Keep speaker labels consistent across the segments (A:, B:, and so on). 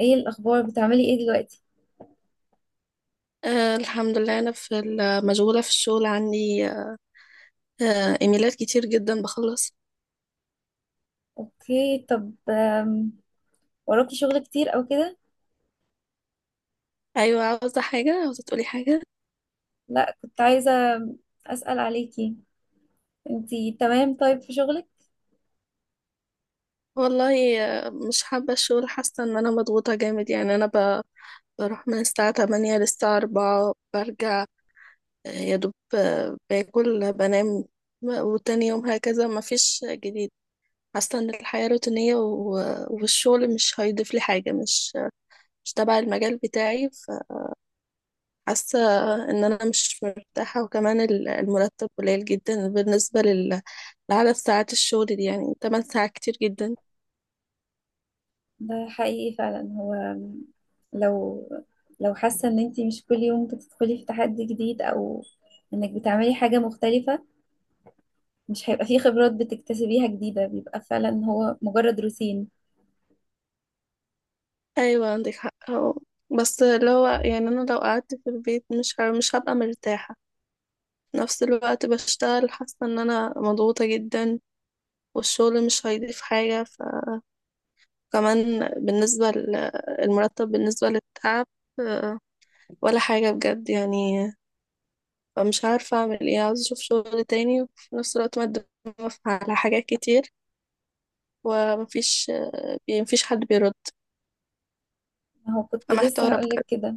A: ايه الاخبار؟ بتعملي ايه دلوقتي؟
B: الحمد لله، أنا في مشغولة في الشغل عندي. إيميلات كتير جدا بخلص.
A: اوكي. طب آم، وراكي شغل كتير او كده؟
B: أيوة، عاوزة تقولي حاجة؟
A: لا، كنت عايزه اسال عليكي. انتي تمام طيب في شغلك؟
B: والله. مش حابة الشغل، حاسة إن أنا مضغوطة جامد، يعني أنا بروح من الساعة 8 للساعة 4 برجع. يا دوب باكل بنام، وتاني يوم هكذا، مفيش جديد. حاسة إن الحياة روتينية والشغل مش هيضيف لي حاجة، مش تبع المجال بتاعي. حاسة ان انا مش مرتاحة، وكمان المرتب قليل جدا بالنسبة لعدد ساعات الشغل دي، يعني 8 ساعات كتير جدا.
A: ده حقيقي فعلا. هو آم، لو لو حاسه ان انتي مش كل يوم بتدخلي في تحدي جديد، او انك بتعملي حاجه مختلفه، مش هيبقى فيه خبرات بتكتسبيها جديده، بيبقى فعلا هو مجرد روتين.
B: ايوه، عندك حق أهو. بس اللي هو يعني انا لو قعدت في البيت مش مش هبقى مرتاحة، في نفس الوقت بشتغل حاسة ان انا مضغوطة جدا، والشغل مش هيضيف حاجة، فكمان بالنسبة للمرتب بالنسبة للتعب، آه، ولا حاجة بجد يعني. فمش عارفة أعمل إيه، عاوزة أشوف شغل تاني، وفي نفس الوقت مقدمة على حاجات كتير، ومفيش يعني مفيش حد بيرد،
A: ما هو كنت لسه
B: فمحتارة
A: هقولك
B: بجد.
A: كده،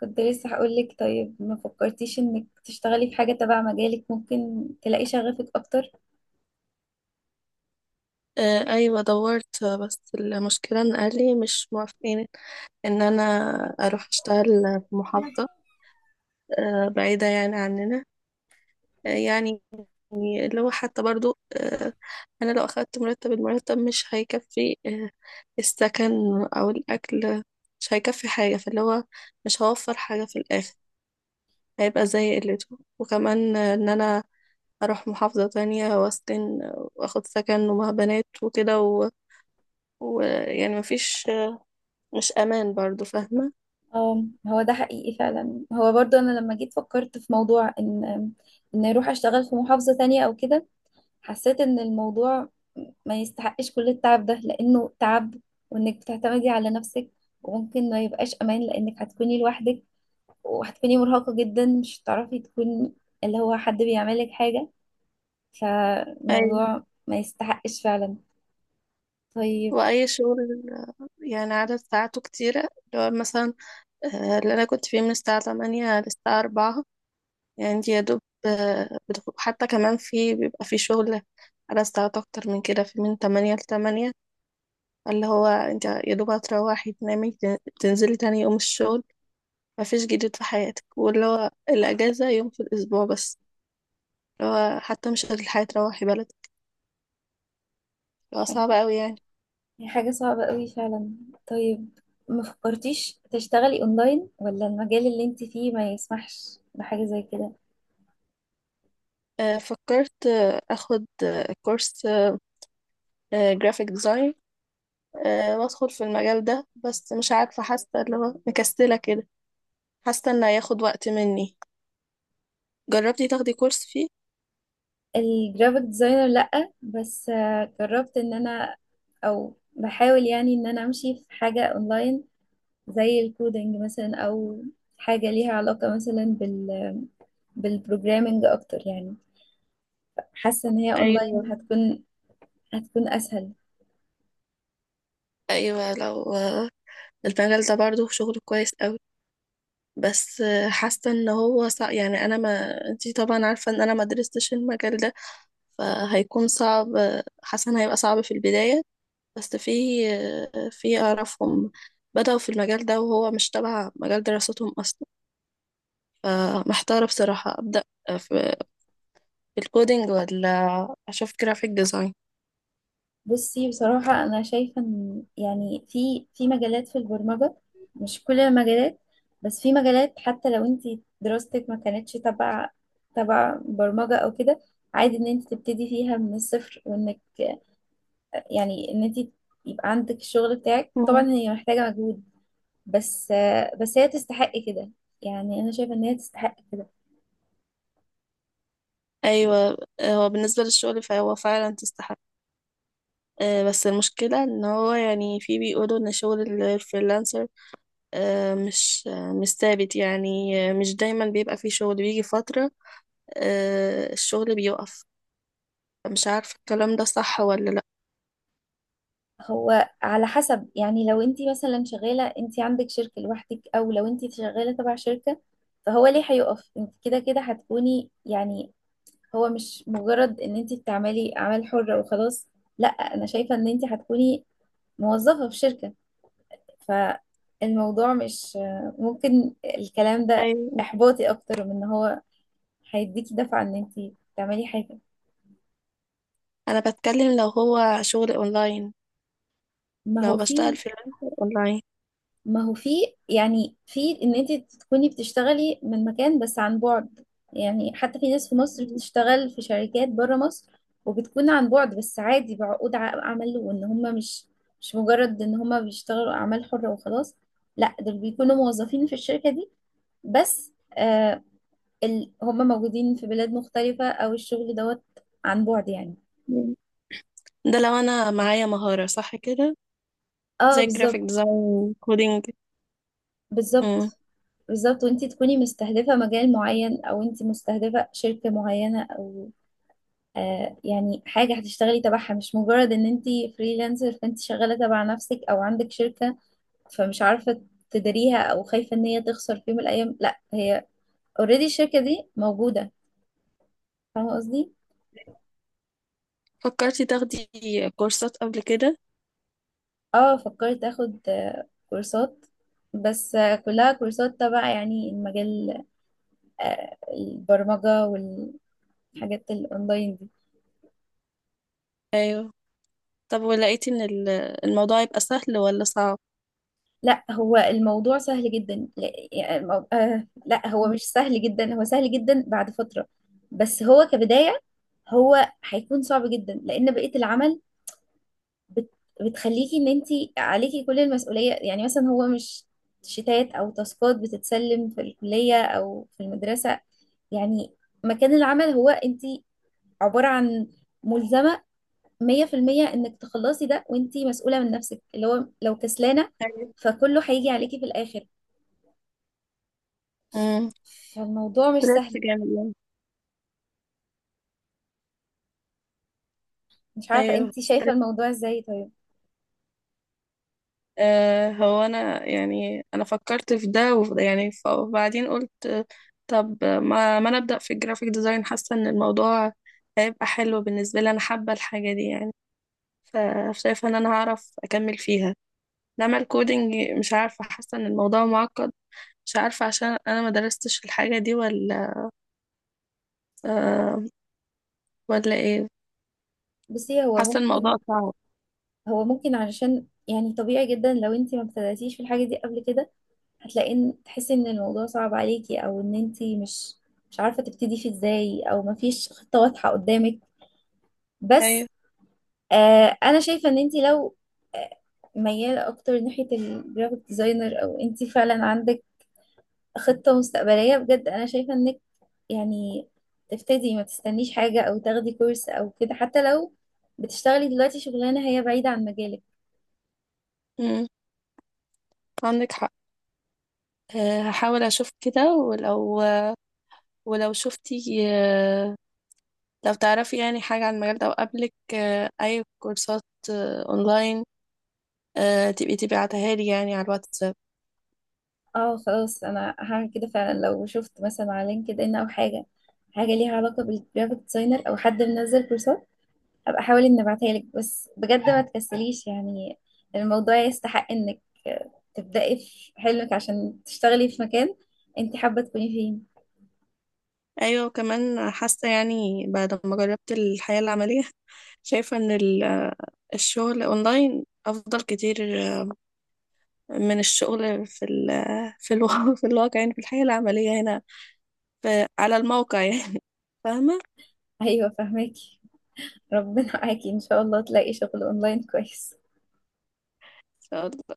A: كنت لسه هقولك طيب ما فكرتيش انك تشتغلي في حاجة تبع مجالك؟ ممكن تلاقي شغفك اكتر.
B: أيوة دورت، بس المشكلة إن أهلي مش موافقين إن أنا أروح أشتغل في محافظة بعيدة يعني عننا. يعني اللي هو حتى برضو أنا لو أخدت مرتب المرتب مش هيكفي، السكن أو الأكل مش هيكفي حاجة، فاللي هو مش هوفر حاجة في الآخر، هيبقى زي قلته، وكمان ان انا اروح محافظة تانية واسكن، واخد سكن ومع بنات وكده، ويعني مفيش، مش امان برضو، فاهمة؟
A: اه، هو ده حقيقي فعلا. هو برضو انا لما جيت فكرت في موضوع ان ان اروح اشتغل في محافظة تانية او كده، حسيت ان الموضوع ما يستحقش كل التعب ده، لانه تعب، وانك بتعتمدي على نفسك، وممكن ما يبقاش امان لانك هتكوني لوحدك، وهتكوني مرهقة جدا، مش هتعرفي تكوني اللي هو حد بيعملك حاجة،
B: اي
A: فالموضوع ما يستحقش فعلا. طيب،
B: واي شغل يعني عدد ساعاته كتيرة، اللي هو مثلا اللي انا كنت فيه من الساعة 8 للساعة 4، يعني دي يا دوب، حتى كمان في بيبقى في شغل على ساعات اكتر من كده، في من 8 ل 8، اللي هو انت يا دوب هتروحي تنامي، تنزلي تاني يوم الشغل، مفيش جديد في حياتك، واللي هو الأجازة يوم في الأسبوع بس، اللي هو حتى مش الحياة تروحي بلدك، اللي هو صعب أوي يعني.
A: هي حاجة صعبة قوي فعلا. طيب ما فكرتيش تشتغلي اونلاين؟ ولا المجال اللي انت فيه ما يسمحش بحاجة زي كده؟
B: فكرت، أخد كورس جرافيك ديزاين وأدخل في المجال ده، بس مش عارفة، حاسة اللي هو مكسلة كده، حاسة إنه هياخد وقت مني. جربتي تاخدي كورس فيه؟
A: الجرافيك ديزاينر لأ، بس جربت ان انا، او بحاول يعني ان انا امشي في حاجة اونلاين زي الكودينج مثلا، او حاجة ليها علاقة مثلا بال بالبروجرامينج اكتر يعني. حاسة ان هي اونلاين
B: أيوة.
A: هتكون، هتكون اسهل.
B: أيوة، لو المجال ده برضه شغله كويس أوي، بس حاسة إن هو يعني أنا، ما أنتي طبعا عارفة إن أنا ما درستش المجال ده، فهيكون صعب، حاسة إن هيبقى صعب في البداية، بس في أعرفهم بدأوا في المجال ده وهو مش تبع مجال دراستهم أصلا، فمحتارة بصراحة أبدأ في في الكودينج ولا أشوف جرافيك ديزاين.
A: بصي بصراحة أنا شايفة إن يعني في مجالات في البرمجة، مش كل المجالات، بس في مجالات حتى لو أنت دراستك ما كانتش تبع برمجة أو كده، عادي إن أنت تبتدي فيها من الصفر، وإنك يعني إن أنت يبقى عندك الشغل بتاعك. طبعا
B: مم.
A: هي محتاجة مجهود، بس بس هي تستحق كده، يعني أنا شايفة إن هي تستحق كده.
B: أيوة. هو بالنسبة للشغل فهو فعلا تستحق، بس المشكلة إن هو يعني في بيقولوا إن شغل الفريلانسر مش ثابت، يعني مش دايما بيبقى فيه شغل، بيجي فترة الشغل بيقف، مش عارفة الكلام ده صح ولا لأ.
A: هو على حسب، يعني لو انت مثلا شغالة، انت عندك شركة لوحدك، او لو انت شغالة تبع شركة، فهو ليه هيقف؟ انت كده كده هتكوني يعني، هو مش مجرد ان انت بتعملي اعمال حرة وخلاص، لا، انا شايفة ان انت هتكوني موظفة في شركة. فالموضوع مش، ممكن الكلام ده
B: ايوه.
A: احباطي اكتر من ان هو هيديكي دفعة ان انت تعملي حاجة.
B: أنا بتكلم لو هو شغل أونلاين،
A: ما هو
B: لو بشتغل
A: في
B: فريلانسر أونلاين.
A: ما هو في يعني في ان انت تكوني بتشتغلي من مكان بس عن بعد، يعني حتى في ناس في مصر بتشتغل في شركات بره مصر، وبتكون عن بعد، بس عادي بعقود عمل، وان هم مش مجرد ان هم بيشتغلوا اعمال حرة وخلاص، لا دول بيكونوا موظفين في الشركة دي. بس آه، ال... هم موجودين في بلاد مختلفة، او الشغل دوت عن بعد يعني.
B: مم. ده لو أنا معايا مهارة صح كده،
A: اه
B: زي جرافيك
A: بالظبط.
B: ديزاين كودينج.
A: بالظبط.
B: مم.
A: بالظبط، وانت تكوني مستهدفة مجال معين، او انت مستهدفة شركة معينة، او آه يعني حاجة هتشتغلي تبعها، مش مجرد ان انت فريلانسر، فانت شغالة تبع نفسك او عندك شركة، فمش عارفة تديريها او خايفة ان هي تخسر في يوم من الايام، لا، هي اوريدي الشركة دي موجودة. فاهمة قصدي؟
B: فكرتي تاخدي كورسات قبل كده؟
A: اه فكرت اخد آه كورسات، بس آه كلها كورسات تبع يعني المجال، آه البرمجة والحاجات الاونلاين دي.
B: أيوه. طب، ولقيتي إن الموضوع يبقى سهل ولا صعب؟
A: لا، هو الموضوع سهل جدا، لا يعني المو... آه لا، هو
B: مم.
A: مش سهل جدا، هو سهل جدا بعد فترة، بس هو كبداية هو هيكون صعب جدا، لأن بقية العمل بت... بتخليكي إن أنت عليكي كل المسؤولية، يعني مثلا هو مش شتات أو تاسكات بتتسلم في الكلية أو في المدرسة، يعني مكان العمل هو أنت عبارة عن ملزمة 100% إنك تخلصي ده، وأنت مسؤولة من نفسك، اللي هو لو كسلانة
B: أيوه.
A: فكله هيجي عليكي في الآخر.
B: امم
A: فالموضوع مش
B: جامد
A: سهل.
B: يعني.
A: مش عارفة
B: أيوه.
A: انت شايفة الموضوع ازاي؟ طيب،
B: هو انا يعني انا فكرت في ده وفي ده، يعني وبعدين قلت طب ما انا ابدا في الجرافيك ديزاين، حاسه ان الموضوع هيبقى حلو بالنسبه لي، انا حابه الحاجه دي يعني، فشايفه ان انا هعرف اكمل فيها، انما الكودينج مش عارفه، حاسه ان الموضوع معقد، مش عارفه عشان انا ما درستش الحاجه دي، ولا آه ولا ايه،
A: بصي، هو
B: حاسه الموضوع
A: ممكن،
B: صعب.
A: هو ممكن علشان يعني طبيعي جدا لو انت ما ابتدأتيش في الحاجة دي قبل كده، هتلاقي ان تحسي ان الموضوع صعب عليكي، او ان انت مش عارفة تبتدي فيه ازاي، او ما فيش خطة واضحة قدامك.
B: ايوه.
A: بس آه انا شايفة ان انت لو آه، ميالة اكتر ناحية الجرافيك ديزاينر، او انت فعلا عندك خطة مستقبلية بجد، أنا شايفة إنك يعني تبتدي، ما تستنيش حاجة أو تاخدي كورس أو كده، حتى لو بتشتغلي دلوقتي شغلانة هي بعيدة عن مجالك.
B: مم، عندك حق. هحاول اشوف كده، ولو شفتي، لو تعرفي يعني حاجة عن المجال ده وقبلك أي كورسات أونلاين، تبقي تبعتها لي يعني على الواتساب.
A: اه خلاص، أنا هعمل كده فعلا. لو شفت مثلا على لينكد إن أو حاجة، حاجة ليها علاقة بالجرافيك ديزاينر، أو حد منزل كورسات، أبقى أحاول إني أبعتها لك. بس بجد ما تكسليش يعني، الموضوع يستحق إنك تبدأي في حلمك، عشان تشتغلي في مكان أنت حابة تكوني فيه.
B: أيوة، وكمان حاسة يعني بعد ما جربت الحياة العملية شايفة إن الشغل أونلاين أفضل كتير من الشغل في ال آه، في الواقع في الواقع يعني في الحياة العملية هنا، في على الموقع يعني
A: أيوة، فاهمك. ربنا معاكي، ان شاء الله تلاقي شغل اونلاين كويس.
B: فاهمة؟